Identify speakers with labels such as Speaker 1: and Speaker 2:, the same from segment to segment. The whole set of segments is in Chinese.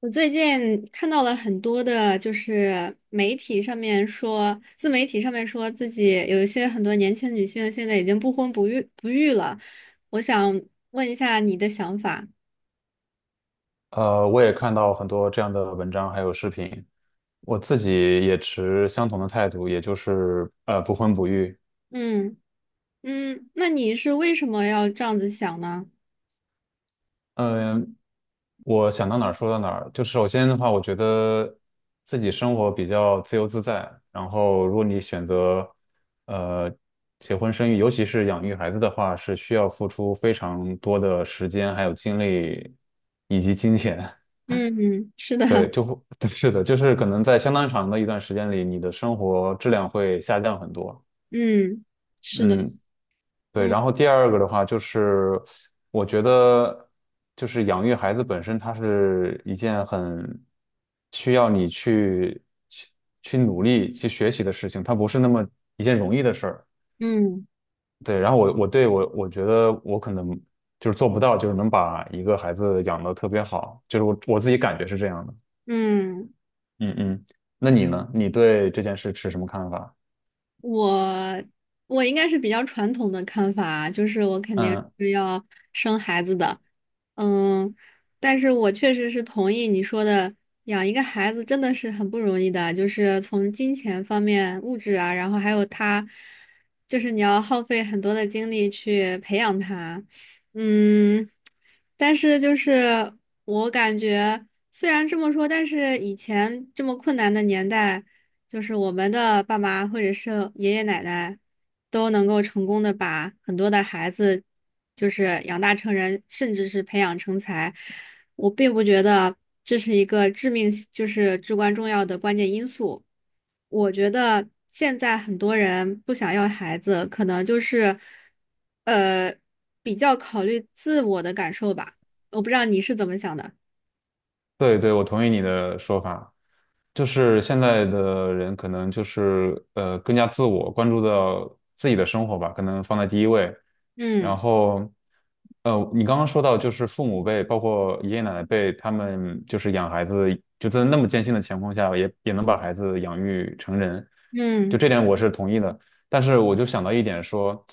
Speaker 1: 我最近看到了很多的，就是媒体上面说，自媒体上面说自己有一些很多年轻女性现在已经不婚不育了。我想问一下你的想法。
Speaker 2: 我也看到很多这样的文章还有视频，我自己也持相同的态度，也就是不婚不育。
Speaker 1: 嗯嗯，那你是为什么要这样子想呢？
Speaker 2: 嗯，我想到哪儿说到哪儿。就首先的话，我觉得自己生活比较自由自在。然后，如果你选择呃结婚生育，尤其是养育孩子的话，是需要付出非常多的时间、还有精力以及金钱。
Speaker 1: 嗯，嗯是的，
Speaker 2: 对，就会，对是的，就是可能在相当长的一段时间里，你的生活质量会下降很多。
Speaker 1: 嗯，是的，
Speaker 2: 嗯，对。
Speaker 1: 嗯
Speaker 2: 然后第二个的话，就是我觉得，就是养育孩子本身，它是一件很需要你去去努力去学习的事情，它不是那么一件容易的事儿。
Speaker 1: 嗯
Speaker 2: 对，然后我觉得我可能就是做不到，就是能把一个孩子养得特别好，就是我自己感觉是这样的。
Speaker 1: 嗯。
Speaker 2: 嗯嗯，那你呢？你对这件事持什么看法？
Speaker 1: 我我应该是比较传统的看法啊，就是我肯定
Speaker 2: 嗯，
Speaker 1: 是要生孩子的，嗯，但是我确实是同意你说的，养一个孩子真的是很不容易的，就是从金钱方面、物质啊，然后还有他，就是你要耗费很多的精力去培养他，嗯，但是就是我感觉，虽然这么说，但是以前这么困难的年代，就是我们的爸妈或者是爷爷奶奶，都能够成功的把很多的孩子，就是养大成人，甚至是培养成才。我并不觉得这是一个致命，就是至关重要的关键因素。我觉得现在很多人不想要孩子，可能就是，呃，比较考虑自我的感受吧。我不知道你是怎么想的。
Speaker 2: 对对，我同意你的说法，就是现在的人可能就是更加自我，关注到自己的生活吧，可能放在第一位。然
Speaker 1: 嗯
Speaker 2: 后，你刚刚说到就是父母辈，包括爷爷奶奶辈，他们就是养孩子，就在那么艰辛的情况下，也能把孩子养育成人，就
Speaker 1: 嗯，
Speaker 2: 这点我是同意的。但是我就想到一点说，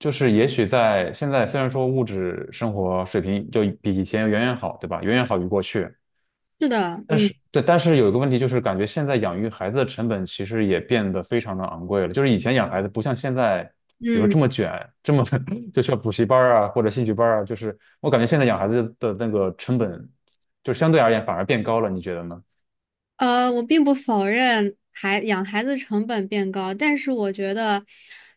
Speaker 2: 就是也许在现在虽然说物质生活水平就比以前远远好，对吧？远远好于过去。
Speaker 1: 是的，
Speaker 2: 但
Speaker 1: 嗯
Speaker 2: 是对，但是有一个问题就是，感觉现在养育孩子的成本其实也变得非常的昂贵了。就是以前养孩子不像现在，比如说
Speaker 1: 嗯。
Speaker 2: 这么卷，这么 就需要补习班儿啊或者兴趣班儿啊。就是我感觉现在养孩子的那个成本，就相对而言反而变高了，你觉得呢？
Speaker 1: 我并不否认养孩子成本变高，但是我觉得，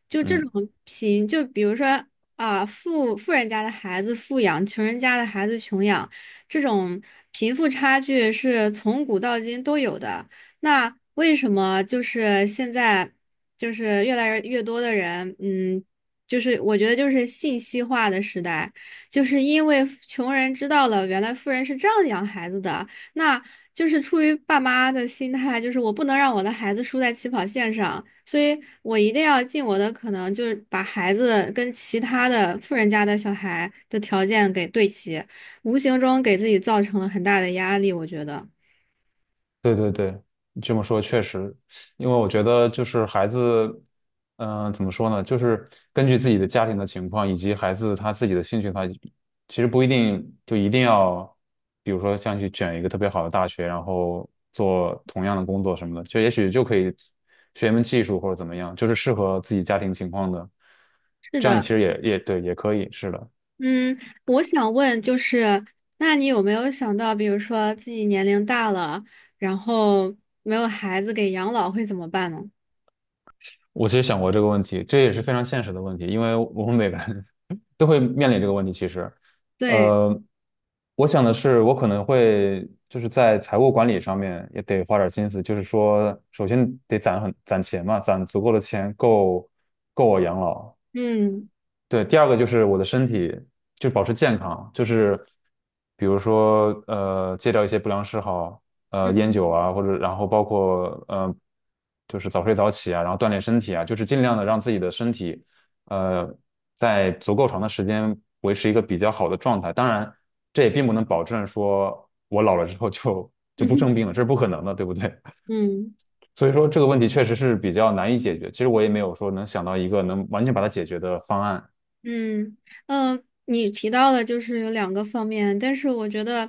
Speaker 1: 就这
Speaker 2: 嗯
Speaker 1: 种贫，就比如说啊，富人家的孩子富养，穷人家的孩子穷养，这种贫富差距是从古到今都有的。那为什么就是现在就是越来越多的人，嗯，就是我觉得就是信息化的时代，就是因为穷人知道了原来富人是这样养孩子的。那就是出于爸妈的心态，就是我不能让我的孩子输在起跑线上，所以我一定要尽我的可能，就是把孩子跟其他的富人家的小孩的条件给对齐，无形中给自己造成了很大的压力，我觉得
Speaker 2: 对对对，这么说确实，因为我觉得就是孩子，怎么说呢，就是根据自己的家庭的情况以及孩子他自己的兴趣他其实不一定就一定要，比如说像去卷一个特别好的大学，然后做同样的工作什么的，就也许就可以学一门技术或者怎么样，就是适合自己家庭情况的，
Speaker 1: 是
Speaker 2: 这样
Speaker 1: 的。
Speaker 2: 其实也对，也可以，是的。
Speaker 1: 嗯，我想问就是，那你有没有想到，比如说自己年龄大了，然后没有孩子给养老会怎么办呢？
Speaker 2: 我其实想过这个问题，这也是非常现实的问题，因为我们每个人 都会面临这个问题。其实，
Speaker 1: 对，
Speaker 2: 呃，我想的是，我可能会就是在财务管理上面也得花点心思，就是说，首先得攒攒钱嘛，攒足够的钱够我养老，
Speaker 1: 嗯
Speaker 2: 对，第二个就是我的身体就保持健康，就是比如说戒掉一些不良嗜好，烟
Speaker 1: 嗯
Speaker 2: 酒啊，或者然后包括就是早睡早起啊，然后锻炼身体啊，就是尽量的让自己的身体呃在足够长的时间维持一个比较好的状态。当然，这也并不能保证说我老了之后就不
Speaker 1: 嗯
Speaker 2: 生病了，这是不可能的，对不对？
Speaker 1: 嗯。
Speaker 2: 所以说这个问题确实是比较难以解决。其实我也没有说能想到一个能完全把它解决的方案。
Speaker 1: 嗯嗯，你提到的就是有两个方面，但是我觉得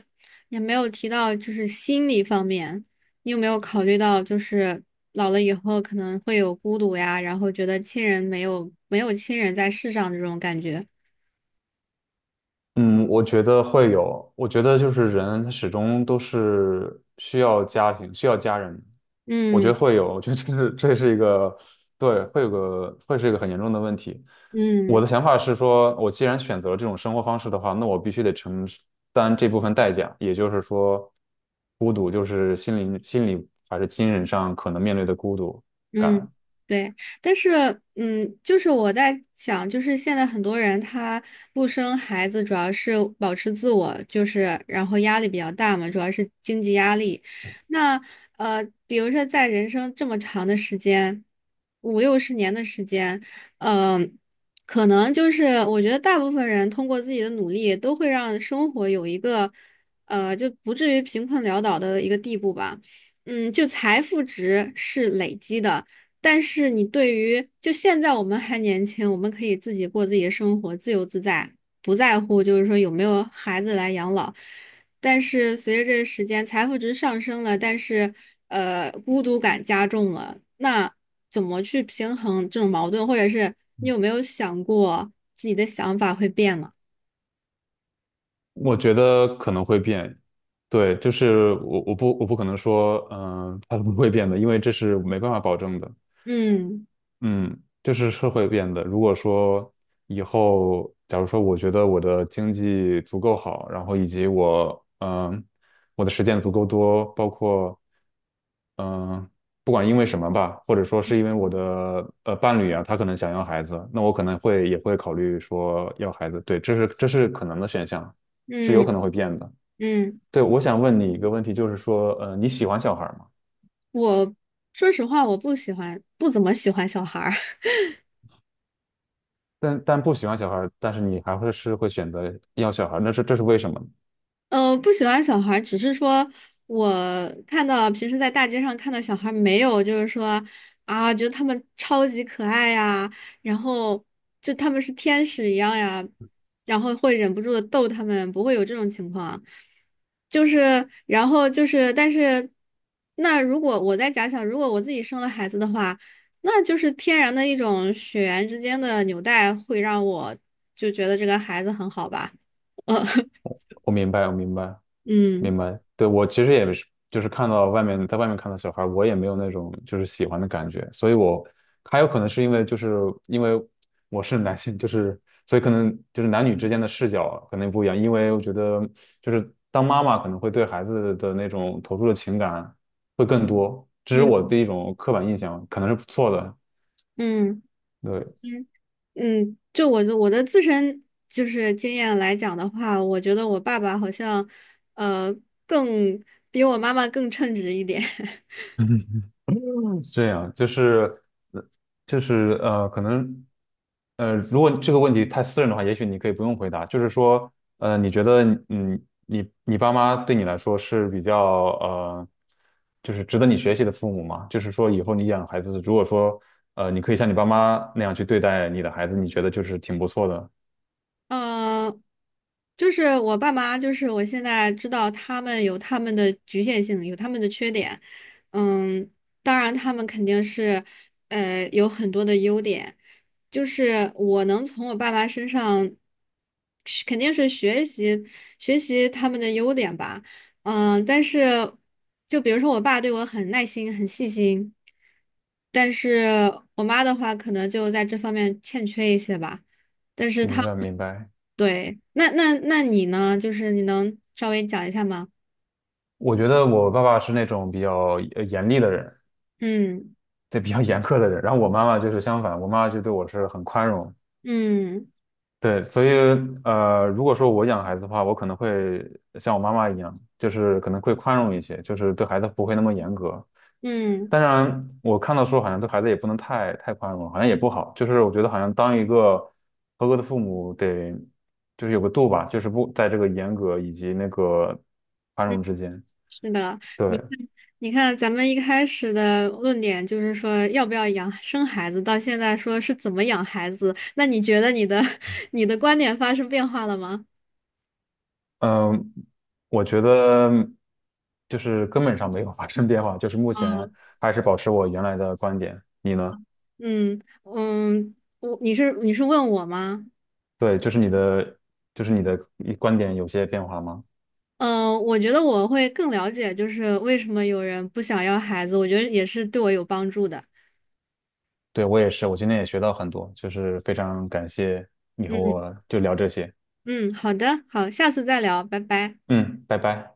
Speaker 1: 也没有提到就是心理方面。你有没有考虑到，就是老了以后可能会有孤独呀，然后觉得亲人没有没有亲人在世上的这种感觉？
Speaker 2: 嗯，我觉得会有，我觉得就是人他始终都是需要家庭，需要家人，我觉
Speaker 1: 嗯
Speaker 2: 得会有，我觉得这是一个，对，会是一个很严重的问题。我
Speaker 1: 嗯。
Speaker 2: 的想法是说，我既然选择了这种生活方式的话，那我必须得承担这部分代价，也就是说，孤独就是心理还是精神上可能面对的孤独
Speaker 1: 嗯，
Speaker 2: 感。
Speaker 1: 对，但是，嗯，就是我在想，就是现在很多人他不生孩子，主要是保持自我，就是然后压力比较大嘛，主要是经济压力。那比如说在人生这么长的时间，五六十年的时间，嗯、可能就是我觉得大部分人通过自己的努力，都会让生活有一个就不至于贫困潦倒的一个地步吧。嗯，就财富值是累积的。但是你对于就现在我们还年轻，我们可以自己过自己的生活，自由自在，不在乎就是说有没有孩子来养老。但是随着这个时间，财富值上升了，但是孤独感加重了，那怎么去平衡这种矛盾，或者是你有没有想过自己的想法会变了？
Speaker 2: 我觉得可能会变，对，就是我我不我不可能说，它不会变的，因为这是没办法保证的，
Speaker 1: 嗯
Speaker 2: 嗯，就是会变的。如果说以后，假如说我觉得我的经济足够好，然后以及我，我的时间足够多，包括，嗯、不管因为什么吧，或者说是因为我的伴侣啊，他可能想要孩子，那我可能会也会考虑说要孩子，对，这是可能的选项，是有
Speaker 1: 嗯
Speaker 2: 可能会变的。
Speaker 1: 嗯，
Speaker 2: 对，我想问你一个问题，就是说，你喜欢小孩儿吗？
Speaker 1: 我说实话，我不喜欢，不怎么喜欢小孩儿。
Speaker 2: 但不喜欢小孩儿，但是你还会选择要小孩儿，这是为什么呢？
Speaker 1: 嗯，不喜欢小孩儿只是说我看到平时在大街上看到小孩儿没有，就是说啊，觉得他们超级可爱呀，然后就他们是天使一样呀，然后会忍不住的逗他们，不会有这种情况。就是，然后就是，但是那如果我在假想，如果我自己生了孩子的话，那就是天然的一种血缘之间的纽带，会让我就觉得这个孩子很好吧，呃，
Speaker 2: 我明白，我明白，
Speaker 1: 嗯。
Speaker 2: 明白。对，我其实也是，就是看到外面，在外面看到小孩儿我也没有那种就是喜欢的感觉，所以我还有可能是因为因为我是男性，就是所以可能就是男女之间的视角可能不一样，因为我觉得就是当妈妈可能会对孩子的那种投入的情感会更多，这是我
Speaker 1: 嗯
Speaker 2: 的一种刻板印象，可能是不错的。
Speaker 1: 嗯
Speaker 2: 对，
Speaker 1: 嗯嗯，就我的自身就是经验来讲的话，我觉得我爸爸好像呃更比我妈妈更称职一点。
Speaker 2: 这样就是呃就是可能如果这个问题太私人的话，也许你可以不用回答。就是说，你觉得嗯，你爸妈对你来说是比较呃，就是值得你学习的父母吗？就是说，以后你养孩子，如果说你可以像你爸妈那样去对待你的孩子，你觉得就是挺不错的。
Speaker 1: 嗯，就是我爸妈，就是我现在知道他们有他们的局限性，有他们的缺点。嗯，当然他们肯定是，有很多的优点。就是我能从我爸妈身上，是肯定是学习学习他们的优点吧。嗯，但是就比如说我爸对我很耐心、很细心，但是我妈的话可能就在这方面欠缺一些吧。但是
Speaker 2: 明
Speaker 1: 他。
Speaker 2: 白，明白。
Speaker 1: 对，那你呢？就是你能稍微讲一下吗？
Speaker 2: 我觉得我爸爸是那种比较严厉的人，
Speaker 1: 嗯
Speaker 2: 对，比较严苛的人。然后我妈妈就是相反，我妈妈就对我是很宽容，
Speaker 1: 嗯
Speaker 2: 对，所以如果说我养孩子的话，我可能会像我妈妈一样，就是可能会宽容一些，就是对孩子不会那么严格。
Speaker 1: 嗯
Speaker 2: 当然，我看到说好像对孩子也不能太宽容，好像也不好。就是我觉得好像当一个合格的父母得就是有个度吧，就是不在这个严格以及那个宽
Speaker 1: 嗯，
Speaker 2: 容之间。
Speaker 1: 是的，你
Speaker 2: 对，
Speaker 1: 看，你看，咱们一开始的论点就是说要不要养生孩子，到现在说是怎么养孩子，那你觉得你的 你的观点发生变化了吗？
Speaker 2: 嗯，我觉得就是根本上没有发生变化，就是目
Speaker 1: 啊，
Speaker 2: 前还是保持我原来的观点。你呢？
Speaker 1: 嗯嗯，我你是你是问我吗？
Speaker 2: 对，就是你的，就是你的一观点有些变化吗？
Speaker 1: 嗯，我觉得我会更了解，就是为什么有人不想要孩子，我觉得也是对我有帮助的。
Speaker 2: 对，我也是，我今天也学到很多，就是非常感谢你和
Speaker 1: 嗯
Speaker 2: 我就聊这些。
Speaker 1: 嗯，好的，好，下次再聊，拜拜。
Speaker 2: 嗯，拜拜。